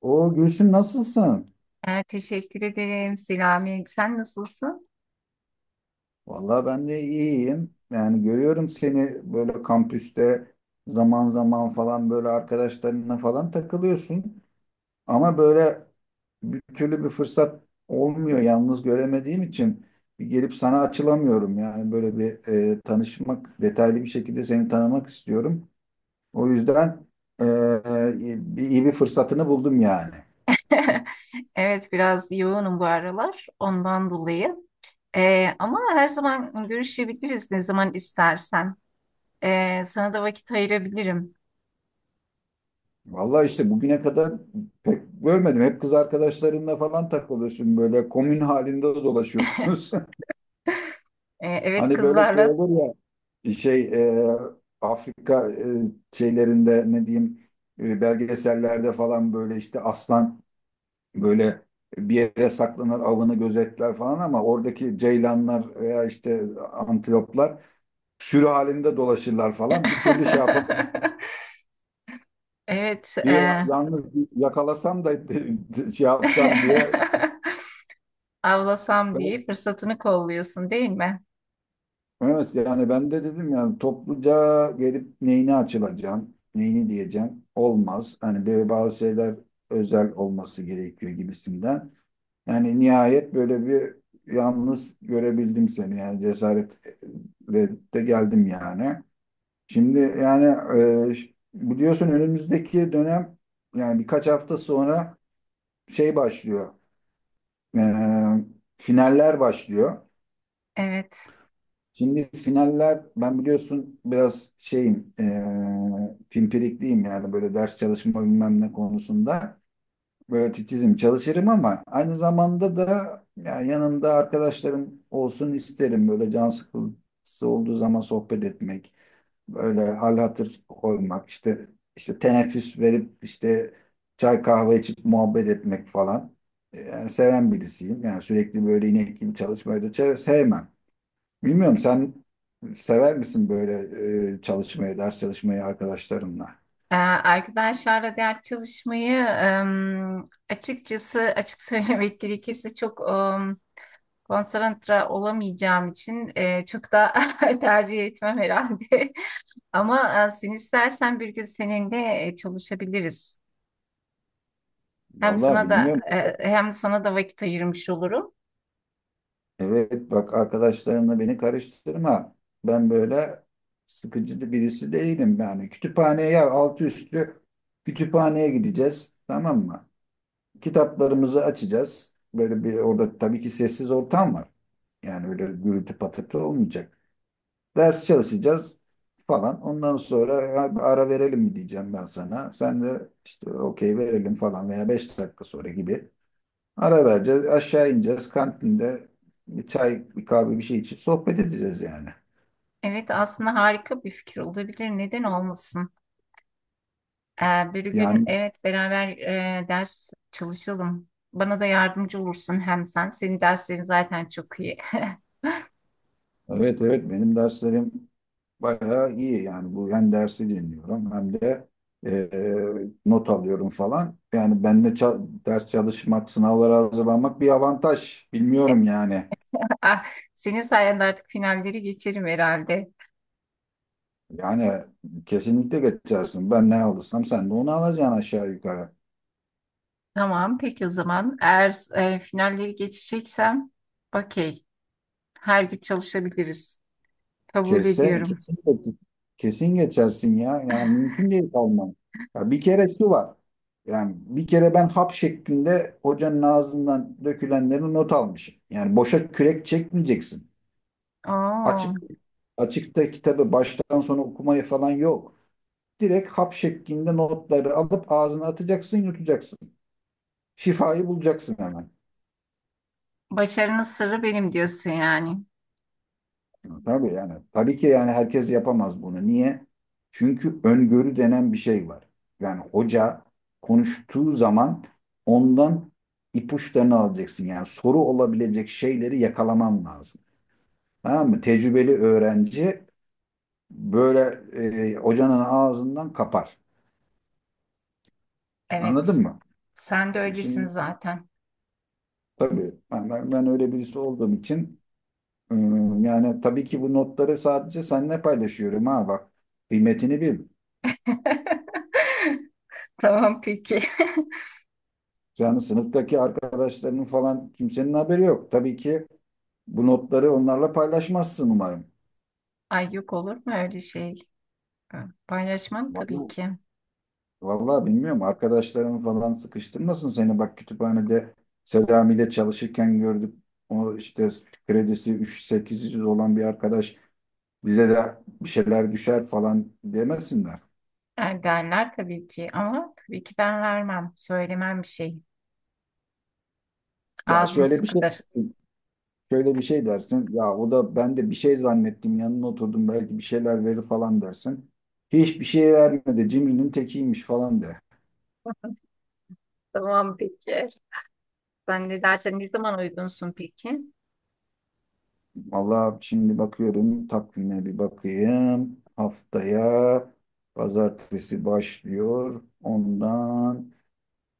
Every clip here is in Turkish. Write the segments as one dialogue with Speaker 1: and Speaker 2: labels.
Speaker 1: O Gülsüm, nasılsın?
Speaker 2: Teşekkür ederim Selami. Sen nasılsın?
Speaker 1: Vallahi ben de iyiyim. Yani görüyorum seni böyle kampüste zaman zaman falan böyle arkadaşlarına falan takılıyorsun. Ama böyle bir türlü bir fırsat olmuyor, yalnız göremediğim için bir gelip sana açılamıyorum. Yani böyle bir tanışmak, detaylı bir şekilde seni tanımak istiyorum. O yüzden e, e, iyi bir fırsatını buldum yani.
Speaker 2: Evet, biraz yoğunum bu aralar ondan dolayı. Ama her zaman görüşebiliriz, ne zaman istersen. Sana da vakit ayırabilirim.
Speaker 1: Vallahi işte bugüne kadar pek görmedim. Hep kız arkadaşlarınla falan takılıyorsun, böyle komün halinde dolaşıyorsunuz.
Speaker 2: Evet,
Speaker 1: Hani böyle şey
Speaker 2: kızlarla.
Speaker 1: olur ya, şey Afrika şeylerinde, ne diyeyim, belgesellerde falan böyle işte aslan böyle bir yere saklanır, avını gözetler falan, ama oradaki ceylanlar veya işte antiloplar sürü halinde dolaşırlar falan. Bir türlü şey yapamam.
Speaker 2: Evet.
Speaker 1: Bir yalnız yakalasam da şey yapsam diye
Speaker 2: Avlasam
Speaker 1: ben
Speaker 2: diye fırsatını kolluyorsun, değil mi?
Speaker 1: evet yani ben de dedim, yani topluca gelip neyini açılacağım, neyini diyeceğim, olmaz. Hani böyle bazı şeyler özel olması gerekiyor gibisinden. Yani nihayet böyle bir yalnız görebildim seni, yani cesaretle de geldim yani. Şimdi yani biliyorsun önümüzdeki dönem, yani birkaç hafta sonra, şey başlıyor. E, Finaller başlıyor.
Speaker 2: Evet.
Speaker 1: Şimdi finaller, ben biliyorsun biraz şeyim pimpirikliyim, yani böyle ders çalışma bilmem ne konusunda böyle titizim, çalışırım, ama aynı zamanda da yani yanımda arkadaşlarım olsun isterim, böyle can sıkıntısı olduğu zaman sohbet etmek, böyle hal hatır koymak, işte işte teneffüs verip işte çay kahve içip muhabbet etmek falan, yani seven birisiyim. Yani sürekli böyle inek gibi çalışmayı da sevmem. Bilmiyorum, sen sever misin böyle çalışmayı, ders çalışmayı, arkadaşlarınla?
Speaker 2: Arkadaşlarla ders çalışmayı, açıkçası, açık söylemek gerekirse, çok konsantre olamayacağım için çok da tercih etmem herhalde. Ama sen istersen bir gün seninle çalışabiliriz. Hem
Speaker 1: Vallahi
Speaker 2: sana da
Speaker 1: bilmiyorum.
Speaker 2: e, hem sana da vakit ayırmış olurum.
Speaker 1: Evet bak, arkadaşlarınla beni karıştırma. Ben böyle sıkıcı birisi değilim yani. Kütüphaneye, ya altı üstü kütüphaneye gideceğiz, tamam mı? Kitaplarımızı açacağız. Böyle bir orada tabii ki sessiz ortam var. Yani öyle gürültü patırtı olmayacak. Ders çalışacağız falan. Ondan sonra, ya bir ara verelim mi, diyeceğim ben sana. Sen de işte okey verelim falan, veya 5 dakika sonra gibi. Ara vereceğiz. Aşağı ineceğiz. Kantinde bir çay, bir kahve, bir şey içip sohbet edeceğiz yani.
Speaker 2: Evet, aslında harika bir fikir olabilir. Neden olmasın? Bir gün,
Speaker 1: Yani
Speaker 2: evet, beraber ders çalışalım. Bana da yardımcı olursun hem sen. Senin derslerin zaten çok iyi.
Speaker 1: evet evet, benim derslerim bayağı iyi yani. Bu hem dersi dinliyorum hem de e, not alıyorum falan. Yani benimle ders çalışmak, sınavlara hazırlanmak bir avantaj. Bilmiyorum yani.
Speaker 2: Ah, senin sayende artık finalleri geçerim herhalde.
Speaker 1: Yani kesinlikle geçersin. Ben ne alırsam sen de onu alacaksın, aşağı yukarı.
Speaker 2: Tamam, peki, o zaman eğer finalleri geçeceksem, okey. Her gün çalışabiliriz. Kabul
Speaker 1: Kesse,
Speaker 2: ediyorum.
Speaker 1: kesin, geç- kesin geçersin ya. Yani mümkün değil kalman. Ya bir kere şu var. Yani bir kere ben hap şeklinde hocanın ağzından dökülenleri not almışım. Yani boşa kürek çekmeyeceksin. Açık
Speaker 2: Oo,
Speaker 1: açıkta kitabı baştan sona okumayı falan yok. Direkt hap şeklinde notları alıp ağzına atacaksın, yutacaksın. Şifayı bulacaksın hemen.
Speaker 2: başarının sırrı benim diyorsun yani.
Speaker 1: Tabii yani. Tabii ki yani, herkes yapamaz bunu. Niye? Çünkü öngörü denen bir şey var. Yani hoca konuştuğu zaman ondan ipuçlarını alacaksın. Yani soru olabilecek şeyleri yakalaman lazım. Tamam mı? Tecrübeli öğrenci böyle hocanın ağzından kapar.
Speaker 2: Evet.
Speaker 1: Anladın mı?
Speaker 2: Sen de öylesin
Speaker 1: Şimdi
Speaker 2: zaten.
Speaker 1: tabii ben öyle birisi olduğum için, yani tabii ki bu notları sadece seninle paylaşıyorum, ha bak. Kıymetini bil.
Speaker 2: Tamam, peki.
Speaker 1: Yani sınıftaki arkadaşlarının falan, kimsenin haberi yok. Tabii ki bu notları onlarla paylaşmazsın umarım.
Speaker 2: Ay, yok olur mu öyle şey? Paylaşmam tabii
Speaker 1: Vallahi,
Speaker 2: ki.
Speaker 1: vallahi bilmiyorum. Arkadaşların falan sıkıştırmasın seni. Bak, kütüphanede Selami ile çalışırken gördük. O işte kredisi 3-800 olan bir arkadaş, bize de bir şeyler düşer falan demesinler.
Speaker 2: Yani derler tabii ki, ama tabii ki ben vermem. Söylemem bir şey.
Speaker 1: Ya
Speaker 2: Ağzım
Speaker 1: şöyle bir şey.
Speaker 2: sıkıdır.
Speaker 1: Şöyle bir şey dersin. Ya o da, ben de bir şey zannettim, yanına oturdum, belki bir şeyler verir falan dersin. Hiçbir şey vermedi, cimrinin tekiymiş falan de.
Speaker 2: Tamam, peki. Sen ne dersen, ne zaman uygunsun peki?
Speaker 1: Valla şimdi bakıyorum takvime, bir bakayım. Haftaya pazartesi başlıyor. Ondan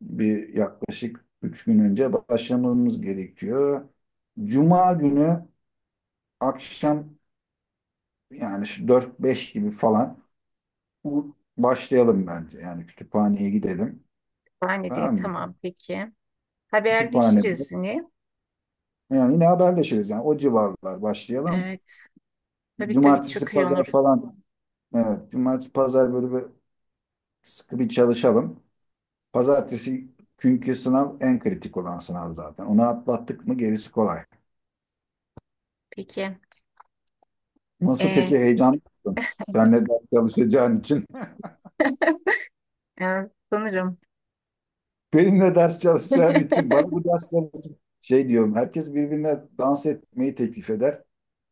Speaker 1: bir yaklaşık üç gün önce başlamamız gerekiyor. Cuma günü akşam, yani şu dört beş gibi falan başlayalım bence. Yani kütüphaneye gidelim.
Speaker 2: Yani de
Speaker 1: Tamam mı?
Speaker 2: tamam, peki.
Speaker 1: Kütüphanede.
Speaker 2: Haberleşiriz yine.
Speaker 1: Yani yine haberleşiriz yani, o civarlar başlayalım.
Speaker 2: Evet. Tabii tabii,
Speaker 1: Cumartesi,
Speaker 2: çok iyi
Speaker 1: pazar
Speaker 2: olur.
Speaker 1: falan. Evet, cumartesi, pazar böyle bir sıkı bir çalışalım. Pazartesi, çünkü sınav, en kritik olan sınav zaten. Onu atlattık mı gerisi kolay.
Speaker 2: Peki.
Speaker 1: Nasıl
Speaker 2: Ee,
Speaker 1: peki, heyecanlı mısın? Benle ders çalışacağın için.
Speaker 2: yani sanırım.
Speaker 1: Benimle ders çalışacağın için. Bana bu ders çalışma. Şey diyorum, herkes birbirine dans etmeyi teklif eder.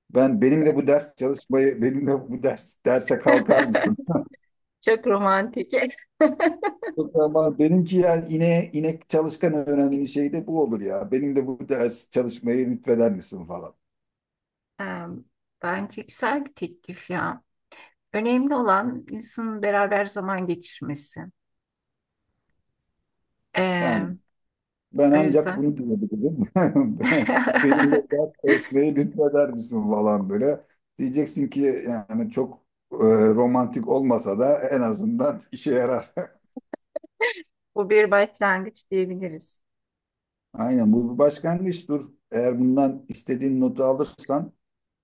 Speaker 1: Ben, benimle bu ders çalışmayı, benimle bu ders derse kalkar mısın?
Speaker 2: Çok romantik.
Speaker 1: Yok ama benimki yani inek çalışkan öğrendiğin şey de bu olur ya. Benim de bu ders çalışmayı lütfeder misin falan.
Speaker 2: Em, bence güzel bir teklif ya. Önemli olan insanın beraber zaman geçirmesi.
Speaker 1: Yani
Speaker 2: Em,
Speaker 1: ben
Speaker 2: o
Speaker 1: ancak
Speaker 2: yüzden
Speaker 1: bunu diyebilirim. Benim de ders çalışmayı lütfeder misin falan böyle. Diyeceksin ki yani çok e, romantik olmasa da en azından işe yarar.
Speaker 2: bu bir başlangıç diyebiliriz.
Speaker 1: Aynen, bu bir başlangıçtır. Eğer bundan istediğin notu alırsan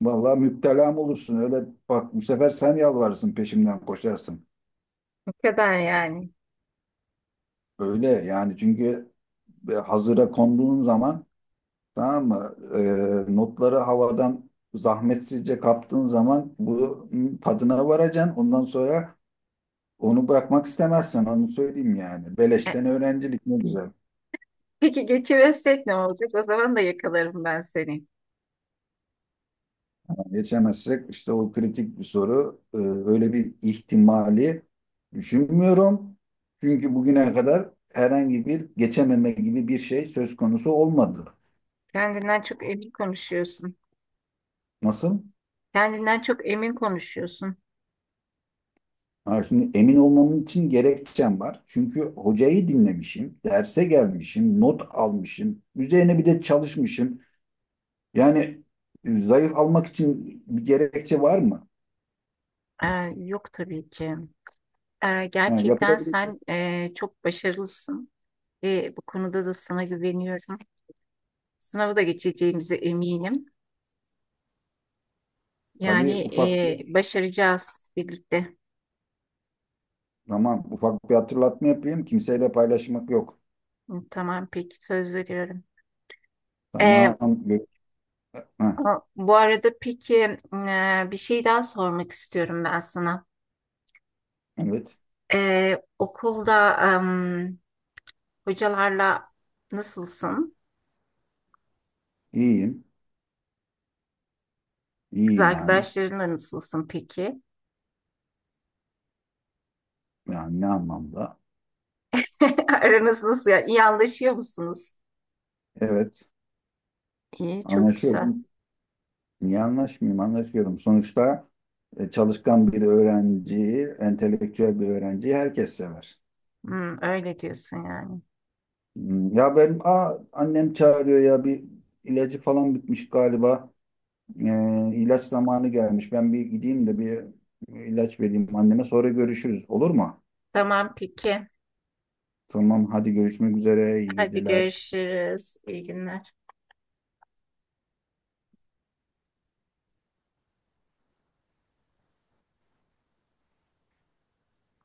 Speaker 1: vallahi müptelam olursun. Öyle bak, bu sefer sen yalvarırsın, peşimden koşarsın.
Speaker 2: Ne kadar yani.
Speaker 1: Öyle yani, çünkü hazıra konduğun zaman, tamam mı? Notları havadan zahmetsizce kaptığın zaman bunun tadına varacaksın. Ondan sonra onu bırakmak istemezsen, onu söyleyeyim yani.
Speaker 2: E,
Speaker 1: Beleşten öğrencilik ne güzel.
Speaker 2: Peki, geçiversek ne olacak? O zaman da yakalarım ben seni.
Speaker 1: Yani geçemezsek işte, o kritik bir soru. Öyle bir ihtimali düşünmüyorum. Çünkü bugüne kadar herhangi bir geçememe gibi bir şey söz konusu olmadı.
Speaker 2: Kendinden çok emin konuşuyorsun.
Speaker 1: Nasıl?
Speaker 2: Kendinden çok emin konuşuyorsun.
Speaker 1: Ha, şimdi emin olmam için gerekçem var. Çünkü hocayı dinlemişim, derse gelmişim, not almışım, üzerine bir de çalışmışım. Yani zayıf almak için bir gerekçe var mı?
Speaker 2: Ee, yok tabii ki.
Speaker 1: Yani
Speaker 2: Gerçekten
Speaker 1: yapılabilir.
Speaker 2: sen çok başarılısın ve bu konuda da sana güveniyorum. Sınavı da geçeceğimize eminim. Yani
Speaker 1: Tabii ufak bir,
Speaker 2: başaracağız birlikte.
Speaker 1: tamam, ufak bir hatırlatma yapayım. Kimseyle paylaşmak yok.
Speaker 2: Hı, tamam peki, söz veriyorum. Ee,
Speaker 1: Tamam. gö- Ha,
Speaker 2: bu arada peki, bir şey daha sormak istiyorum ben sana.
Speaker 1: evet.
Speaker 2: Okulda, em, hocalarla nasılsın?
Speaker 1: İyiyim.
Speaker 2: Kız
Speaker 1: İyiyim yani.
Speaker 2: arkadaşlarınla nasılsın peki?
Speaker 1: Yani ne anlamda?
Speaker 2: Aranız nasıl ya? İyi anlaşıyor musunuz?
Speaker 1: Evet.
Speaker 2: İyi, çok güzel.
Speaker 1: Anlaşıyorum. Niye anlaşmayayım? Anlaşıyorum. Sonuçta çalışkan bir öğrenciyi, entelektüel bir öğrenciyi herkes sever.
Speaker 2: Hmm, öyle diyorsun yani.
Speaker 1: Hmm, ya benim, annem çağırıyor, ya bir ilacı falan bitmiş galiba. İlaç zamanı gelmiş. Ben bir gideyim de bir ilaç vereyim anneme. Sonra görüşürüz, olur mu?
Speaker 2: Tamam peki.
Speaker 1: Tamam, hadi görüşmek üzere. İyi
Speaker 2: Hadi
Speaker 1: geceler.
Speaker 2: görüşürüz. İyi günler.